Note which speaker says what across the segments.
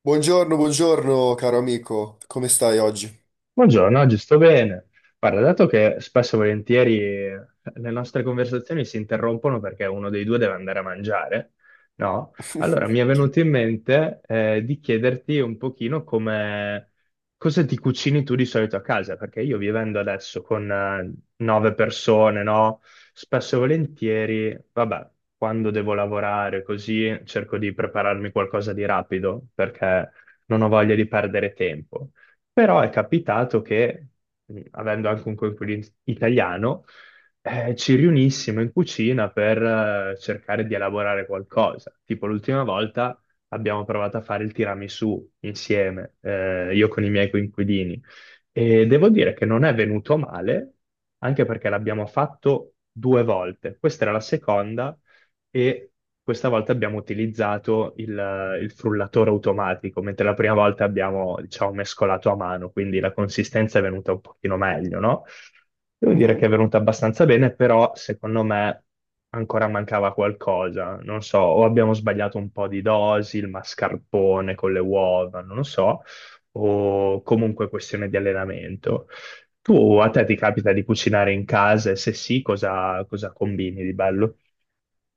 Speaker 1: Buongiorno, buongiorno caro amico, come stai oggi?
Speaker 2: Buongiorno, oggi sto bene. Guarda, dato che spesso e volentieri le nostre conversazioni si interrompono perché uno dei due deve andare a mangiare, no? Allora mi è venuto in mente di chiederti un pochino come cosa ti cucini tu di solito a casa, perché io vivendo adesso con nove persone, no? Spesso e volentieri, vabbè, quando devo lavorare così cerco di prepararmi qualcosa di rapido perché non ho voglia di perdere tempo. Però è capitato che, avendo anche un coinquilino italiano, ci riunissimo in cucina per cercare di elaborare qualcosa. Tipo l'ultima volta abbiamo provato a fare il tiramisù insieme, io con i miei coinquilini. E devo dire che non è venuto male, anche perché l'abbiamo fatto due volte. Questa era la seconda e questa volta abbiamo utilizzato il frullatore automatico, mentre la prima volta abbiamo, diciamo, mescolato a mano, quindi la consistenza è venuta un pochino meglio, no? Devo dire che è
Speaker 1: Mhm.
Speaker 2: venuta abbastanza bene, però secondo me ancora mancava qualcosa, non so, o abbiamo sbagliato un po' di dosi, il mascarpone con le uova, non lo so, o comunque questione di allenamento. Tu a te ti capita di cucinare in casa e se sì, cosa, cosa combini di bello?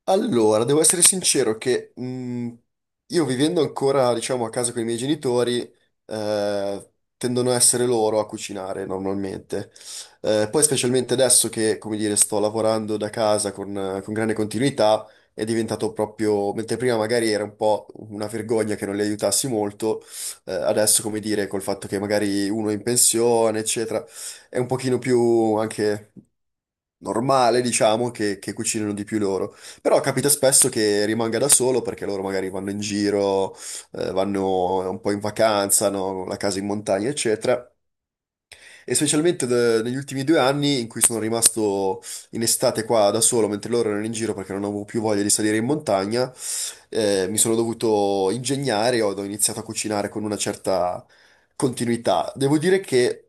Speaker 1: Allora, devo essere sincero che io vivendo ancora, diciamo, a casa con i miei genitori, eh, tendono a essere loro a cucinare normalmente. Poi specialmente adesso che, come dire, sto lavorando da casa con grande continuità, è diventato proprio, mentre prima magari era un po' una vergogna che non li aiutassi molto, adesso, come dire, col fatto che magari uno è in pensione, eccetera, è un pochino più anche normale, diciamo, che cucinano di più loro. Però capita spesso che rimanga da solo perché loro magari vanno in giro, vanno un po' in vacanza, hanno la casa in montagna, eccetera, e specialmente negli ultimi due anni in cui sono rimasto in estate qua da solo mentre loro erano in giro perché non avevo più voglia di salire in montagna, mi sono dovuto ingegnare, ho iniziato a cucinare con una certa continuità. Devo dire che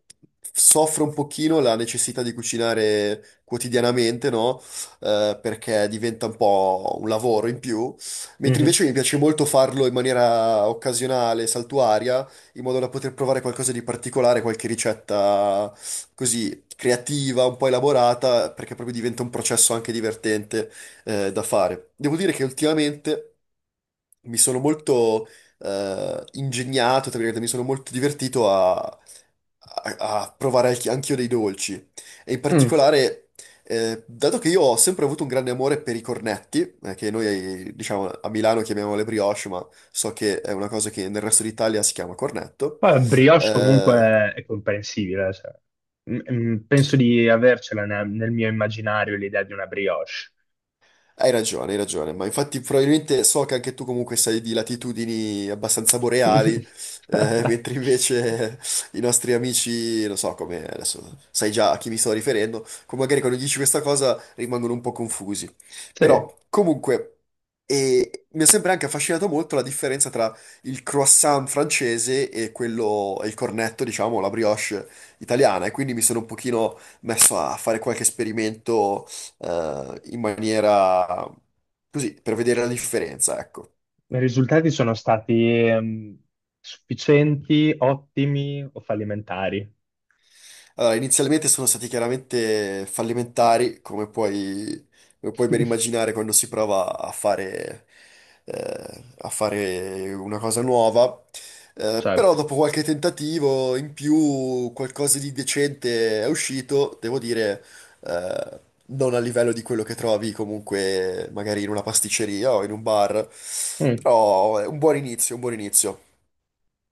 Speaker 1: soffro un pochino la necessità di cucinare quotidianamente, no? Perché diventa un po' un lavoro in più, mentre invece mi piace molto farlo in maniera occasionale, saltuaria, in modo da poter provare qualcosa di particolare, qualche ricetta così creativa, un po' elaborata, perché proprio diventa un processo anche divertente da fare. Devo dire che ultimamente mi sono molto ingegnato, tra virgolette, mi sono molto divertito a, a provare anch'io dei dolci. E in
Speaker 2: Mm.
Speaker 1: particolare, dato che io ho sempre avuto un grande amore per i cornetti, che noi diciamo a Milano chiamiamo le brioche, ma so che è una cosa che nel resto d'Italia si chiama cornetto.
Speaker 2: Poi brioche
Speaker 1: eh,
Speaker 2: comunque è comprensibile, cioè, penso di avercela nel mio immaginario l'idea di una brioche.
Speaker 1: Hai ragione, ma infatti probabilmente so che anche tu comunque sei di latitudini abbastanza boreali, mentre invece i nostri amici, non so come, adesso sai già a chi mi sto riferendo, come magari quando dici questa cosa rimangono un po' confusi.
Speaker 2: Sì, i
Speaker 1: Però comunque e mi è sempre anche affascinato molto la differenza tra il croissant francese e quello, e il cornetto, diciamo, la brioche italiana, e quindi mi sono un pochino messo a fare qualche esperimento in maniera così, per vedere la differenza, ecco.
Speaker 2: risultati sono stati ehm, sufficienti, ottimi o fallimentari?
Speaker 1: Allora, inizialmente sono stati chiaramente fallimentari, come puoi ben immaginare quando si prova a fare, a fare una cosa nuova. Però
Speaker 2: Certo.
Speaker 1: dopo qualche tentativo in più, qualcosa di decente è uscito, devo dire, eh, non a livello di quello che trovi comunque magari in una pasticceria o in un bar,
Speaker 2: Mm.
Speaker 1: però è un buon inizio, un buon inizio.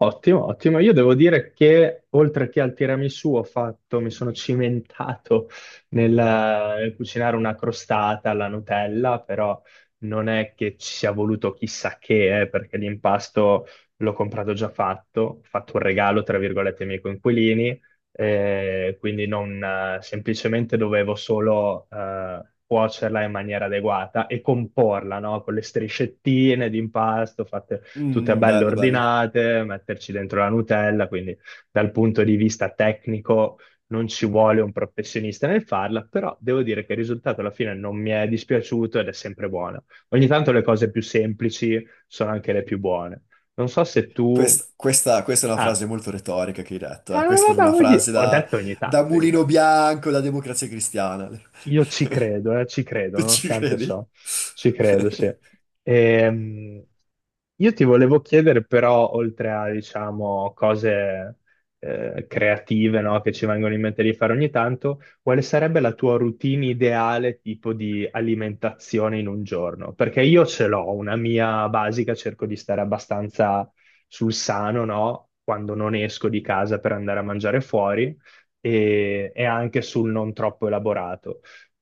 Speaker 2: Ottimo, ottimo. Io devo dire che oltre che al tiramisù ho fatto, mi sono cimentato nel cucinare una crostata alla Nutella, però non è che ci sia voluto chissà che, perché l'impasto l'ho comprato già fatto, ho fatto un regalo, tra virgolette, ai miei coinquilini, quindi non, semplicemente dovevo solo cuocerla in maniera adeguata e comporla, no? Con le striscettine di impasto fatte tutte
Speaker 1: Mm,
Speaker 2: belle
Speaker 1: bello, bello.
Speaker 2: ordinate, metterci dentro la Nutella, quindi dal punto di vista tecnico non ci vuole un professionista nel farla, però devo dire che il risultato alla fine non mi è dispiaciuto ed è sempre buona. Ogni tanto le cose più semplici sono anche le più buone. Non so se tu...
Speaker 1: Questa è una
Speaker 2: Ah,
Speaker 1: frase molto retorica che hai detto,
Speaker 2: eh,
Speaker 1: eh. Questa è proprio
Speaker 2: vabbè,
Speaker 1: una frase
Speaker 2: ho
Speaker 1: da,
Speaker 2: detto ogni
Speaker 1: da
Speaker 2: tanto, ogni
Speaker 1: Mulino
Speaker 2: tanto.
Speaker 1: Bianco, da Democrazia Cristiana.
Speaker 2: Io ci credo,
Speaker 1: Tu ci
Speaker 2: nonostante
Speaker 1: credi?
Speaker 2: ciò, ci credo, sì. Ehm, io ti volevo chiedere però, oltre a, diciamo, cose creative, no, che ci vengono in mente di fare ogni tanto, quale sarebbe la tua routine ideale tipo di alimentazione in un giorno? Perché io ce l'ho, una mia basica, cerco di stare abbastanza sul sano, no? Quando non esco di casa per andare a mangiare fuori e anche sul non troppo elaborato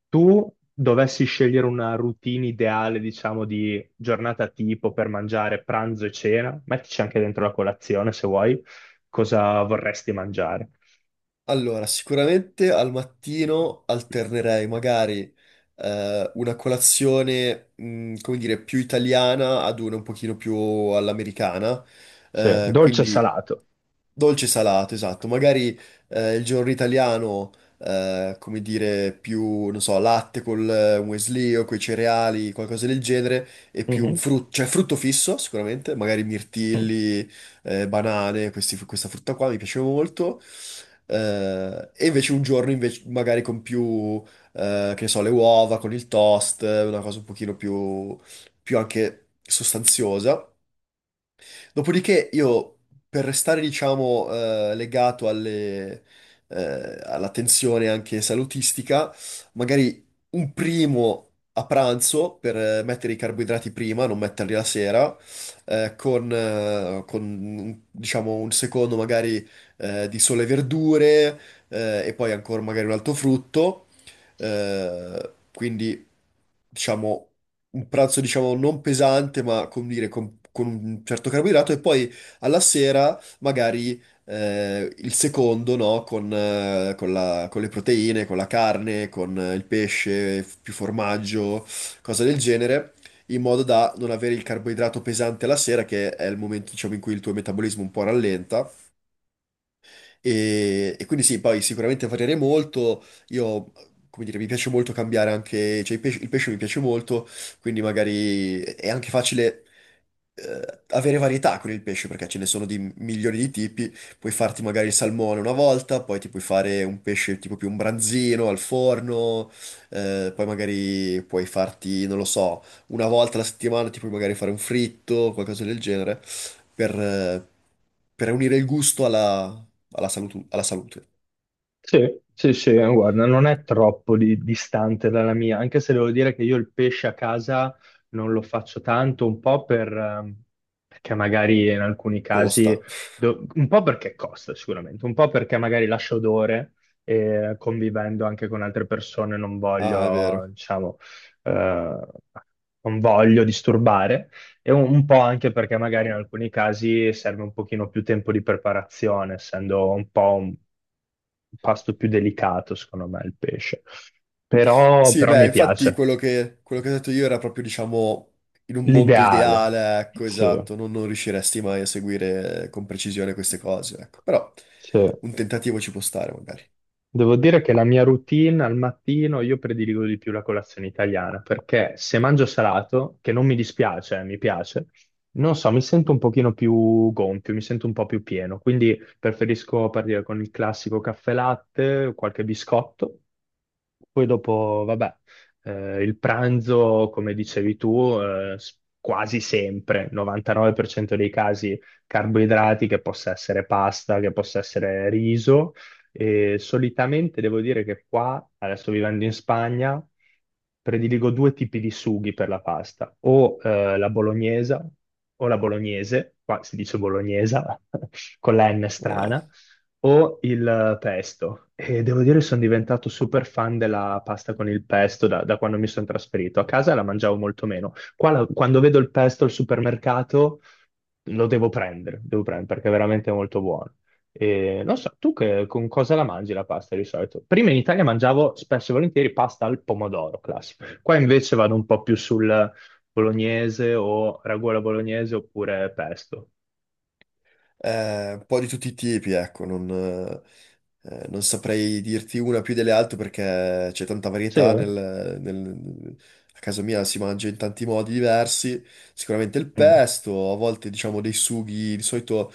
Speaker 2: tu dovessi scegliere una routine ideale, diciamo, di giornata tipo per mangiare pranzo e cena, mettici anche dentro la colazione se vuoi, cosa vorresti mangiare?
Speaker 1: Allora, sicuramente al mattino alternerei magari una colazione, come dire, più italiana ad una un pochino più all'americana,
Speaker 2: Sì, dolce e
Speaker 1: quindi
Speaker 2: salato.
Speaker 1: dolce salato, esatto. Magari il giorno italiano, come dire, più, non so, latte col muesli o coi cereali, qualcosa del genere, e più un
Speaker 2: Mhm.
Speaker 1: frutto, cioè frutto fisso sicuramente, magari
Speaker 2: Mm.
Speaker 1: mirtilli, banane, questa frutta qua mi piace molto. E invece un giorno invece magari con più, che ne so, le uova, con il toast, una cosa un pochino più anche sostanziosa. Dopodiché io, per restare, diciamo, legato alle, alla tensione anche salutistica, magari un primo a pranzo per mettere i carboidrati prima, non metterli la sera, con, diciamo, un secondo magari di sole e verdure, e poi ancora magari un altro frutto. Quindi diciamo, un pranzo, diciamo, non pesante, ma come dire, con un certo carboidrato, e poi alla sera magari il secondo, no? Con, con le proteine, con la carne, con il pesce, più formaggio, cose del genere. In modo da non avere il carboidrato pesante alla sera, che è il momento, diciamo, in cui il tuo metabolismo un po' rallenta. E quindi sì, poi sicuramente variare molto. Io, come dire, mi piace molto cambiare anche, cioè il pesce mi piace molto, quindi magari è anche facile avere varietà con il pesce perché ce ne sono di milioni di tipi. Puoi farti magari il salmone una volta, poi ti puoi fare un pesce tipo più un branzino al forno, poi magari puoi farti, non lo so, una volta alla settimana ti puoi magari fare un fritto, qualcosa del genere, per... eh, per unire il gusto alla, alla salute.
Speaker 2: Sì, sì, sì, guarda, non è troppo distante dalla mia, anche se devo dire che io il pesce a casa non lo faccio tanto, un po' per, perché magari in alcuni casi,
Speaker 1: Costa.
Speaker 2: un po' perché costa sicuramente, un po' perché magari lascia odore e convivendo anche con altre persone non
Speaker 1: Ah, è
Speaker 2: voglio,
Speaker 1: vero.
Speaker 2: diciamo, eh, non voglio disturbare. E un po' anche perché magari in alcuni casi serve un pochino più tempo di preparazione, essendo un po' un pasto più delicato, secondo me, il pesce. Però,
Speaker 1: Sì,
Speaker 2: però
Speaker 1: beh,
Speaker 2: mi
Speaker 1: infatti
Speaker 2: piace.
Speaker 1: quello quello che ho detto io era proprio, diciamo, in un mondo
Speaker 2: L'ideale.
Speaker 1: ideale, ecco,
Speaker 2: Sì,
Speaker 1: esatto, non, non riusciresti mai a seguire con precisione queste cose, ecco. Però
Speaker 2: sì.
Speaker 1: un tentativo ci può stare, magari.
Speaker 2: Devo dire che la mia routine al mattino io prediligo di più la colazione italiana perché se mangio salato, che non mi dispiace, mi piace, non so, mi sento un pochino più gonfio, mi sento un po' più pieno, quindi preferisco partire con il classico caffè latte, qualche biscotto. Poi dopo, vabbè, il pranzo, come dicevi tu, quasi sempre, 99% dei casi, carboidrati, che possa essere pasta, che possa essere riso, e solitamente devo dire che qua, adesso vivendo in Spagna, prediligo due tipi di sughi per la pasta, o la bolognesa o la bolognese, qua si dice bolognesa con la N
Speaker 1: Eh.
Speaker 2: strana, o il pesto. E devo dire sono diventato super fan della pasta con il pesto da quando mi sono trasferito. A casa la mangiavo molto meno. Qua quando vedo il pesto al supermercato lo devo prendere perché è veramente molto buono. E non so, tu con cosa la mangi la pasta di solito? Prima in Italia mangiavo spesso e volentieri pasta al pomodoro, classico. Qua invece vado un po' più sul bolognese o ragù alla bolognese oppure pesto.
Speaker 1: Un po' di tutti i tipi, ecco, non, non saprei dirti una più delle altre perché c'è tanta
Speaker 2: Sì,
Speaker 1: varietà nel, a casa mia si mangia in tanti modi diversi, sicuramente il
Speaker 2: mm,
Speaker 1: pesto, a volte diciamo dei sughi, di solito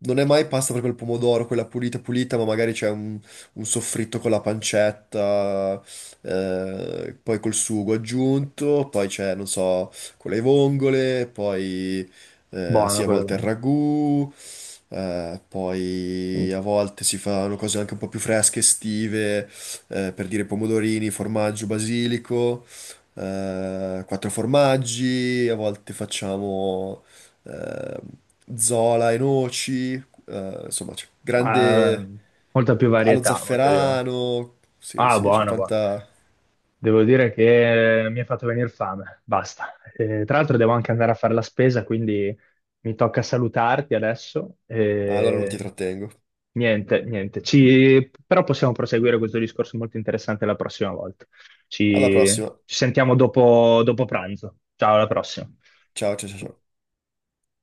Speaker 1: non è mai pasta proprio al pomodoro, quella pulita pulita, ma magari c'è un soffritto con la pancetta, poi col sugo aggiunto, poi c'è, non so, con le vongole, poi sì,
Speaker 2: buono
Speaker 1: a volte il
Speaker 2: quello.
Speaker 1: ragù.
Speaker 2: Mm.
Speaker 1: Poi a volte si fanno cose anche un po' più fresche, estive, per dire pomodorini, formaggio, basilico, quattro formaggi, a volte facciamo eh, zola e noci, insomma, c'è
Speaker 2: Ah,
Speaker 1: grande
Speaker 2: molta più
Speaker 1: allo
Speaker 2: varietà, molta più.
Speaker 1: zafferano, sì,
Speaker 2: Ah,
Speaker 1: sì, c'è
Speaker 2: buono, buono.
Speaker 1: tanta...
Speaker 2: Devo dire che mi ha fatto venire fame, basta. Tra l'altro devo anche andare a fare la spesa, quindi mi tocca salutarti adesso.
Speaker 1: Ah, allora non ti trattengo.
Speaker 2: Niente, niente. Però possiamo proseguire questo discorso molto interessante la prossima volta.
Speaker 1: Alla
Speaker 2: Ci,
Speaker 1: prossima.
Speaker 2: ci sentiamo dopo pranzo. Ciao, alla prossima.
Speaker 1: Ciao, ciao, ciao. Ciao.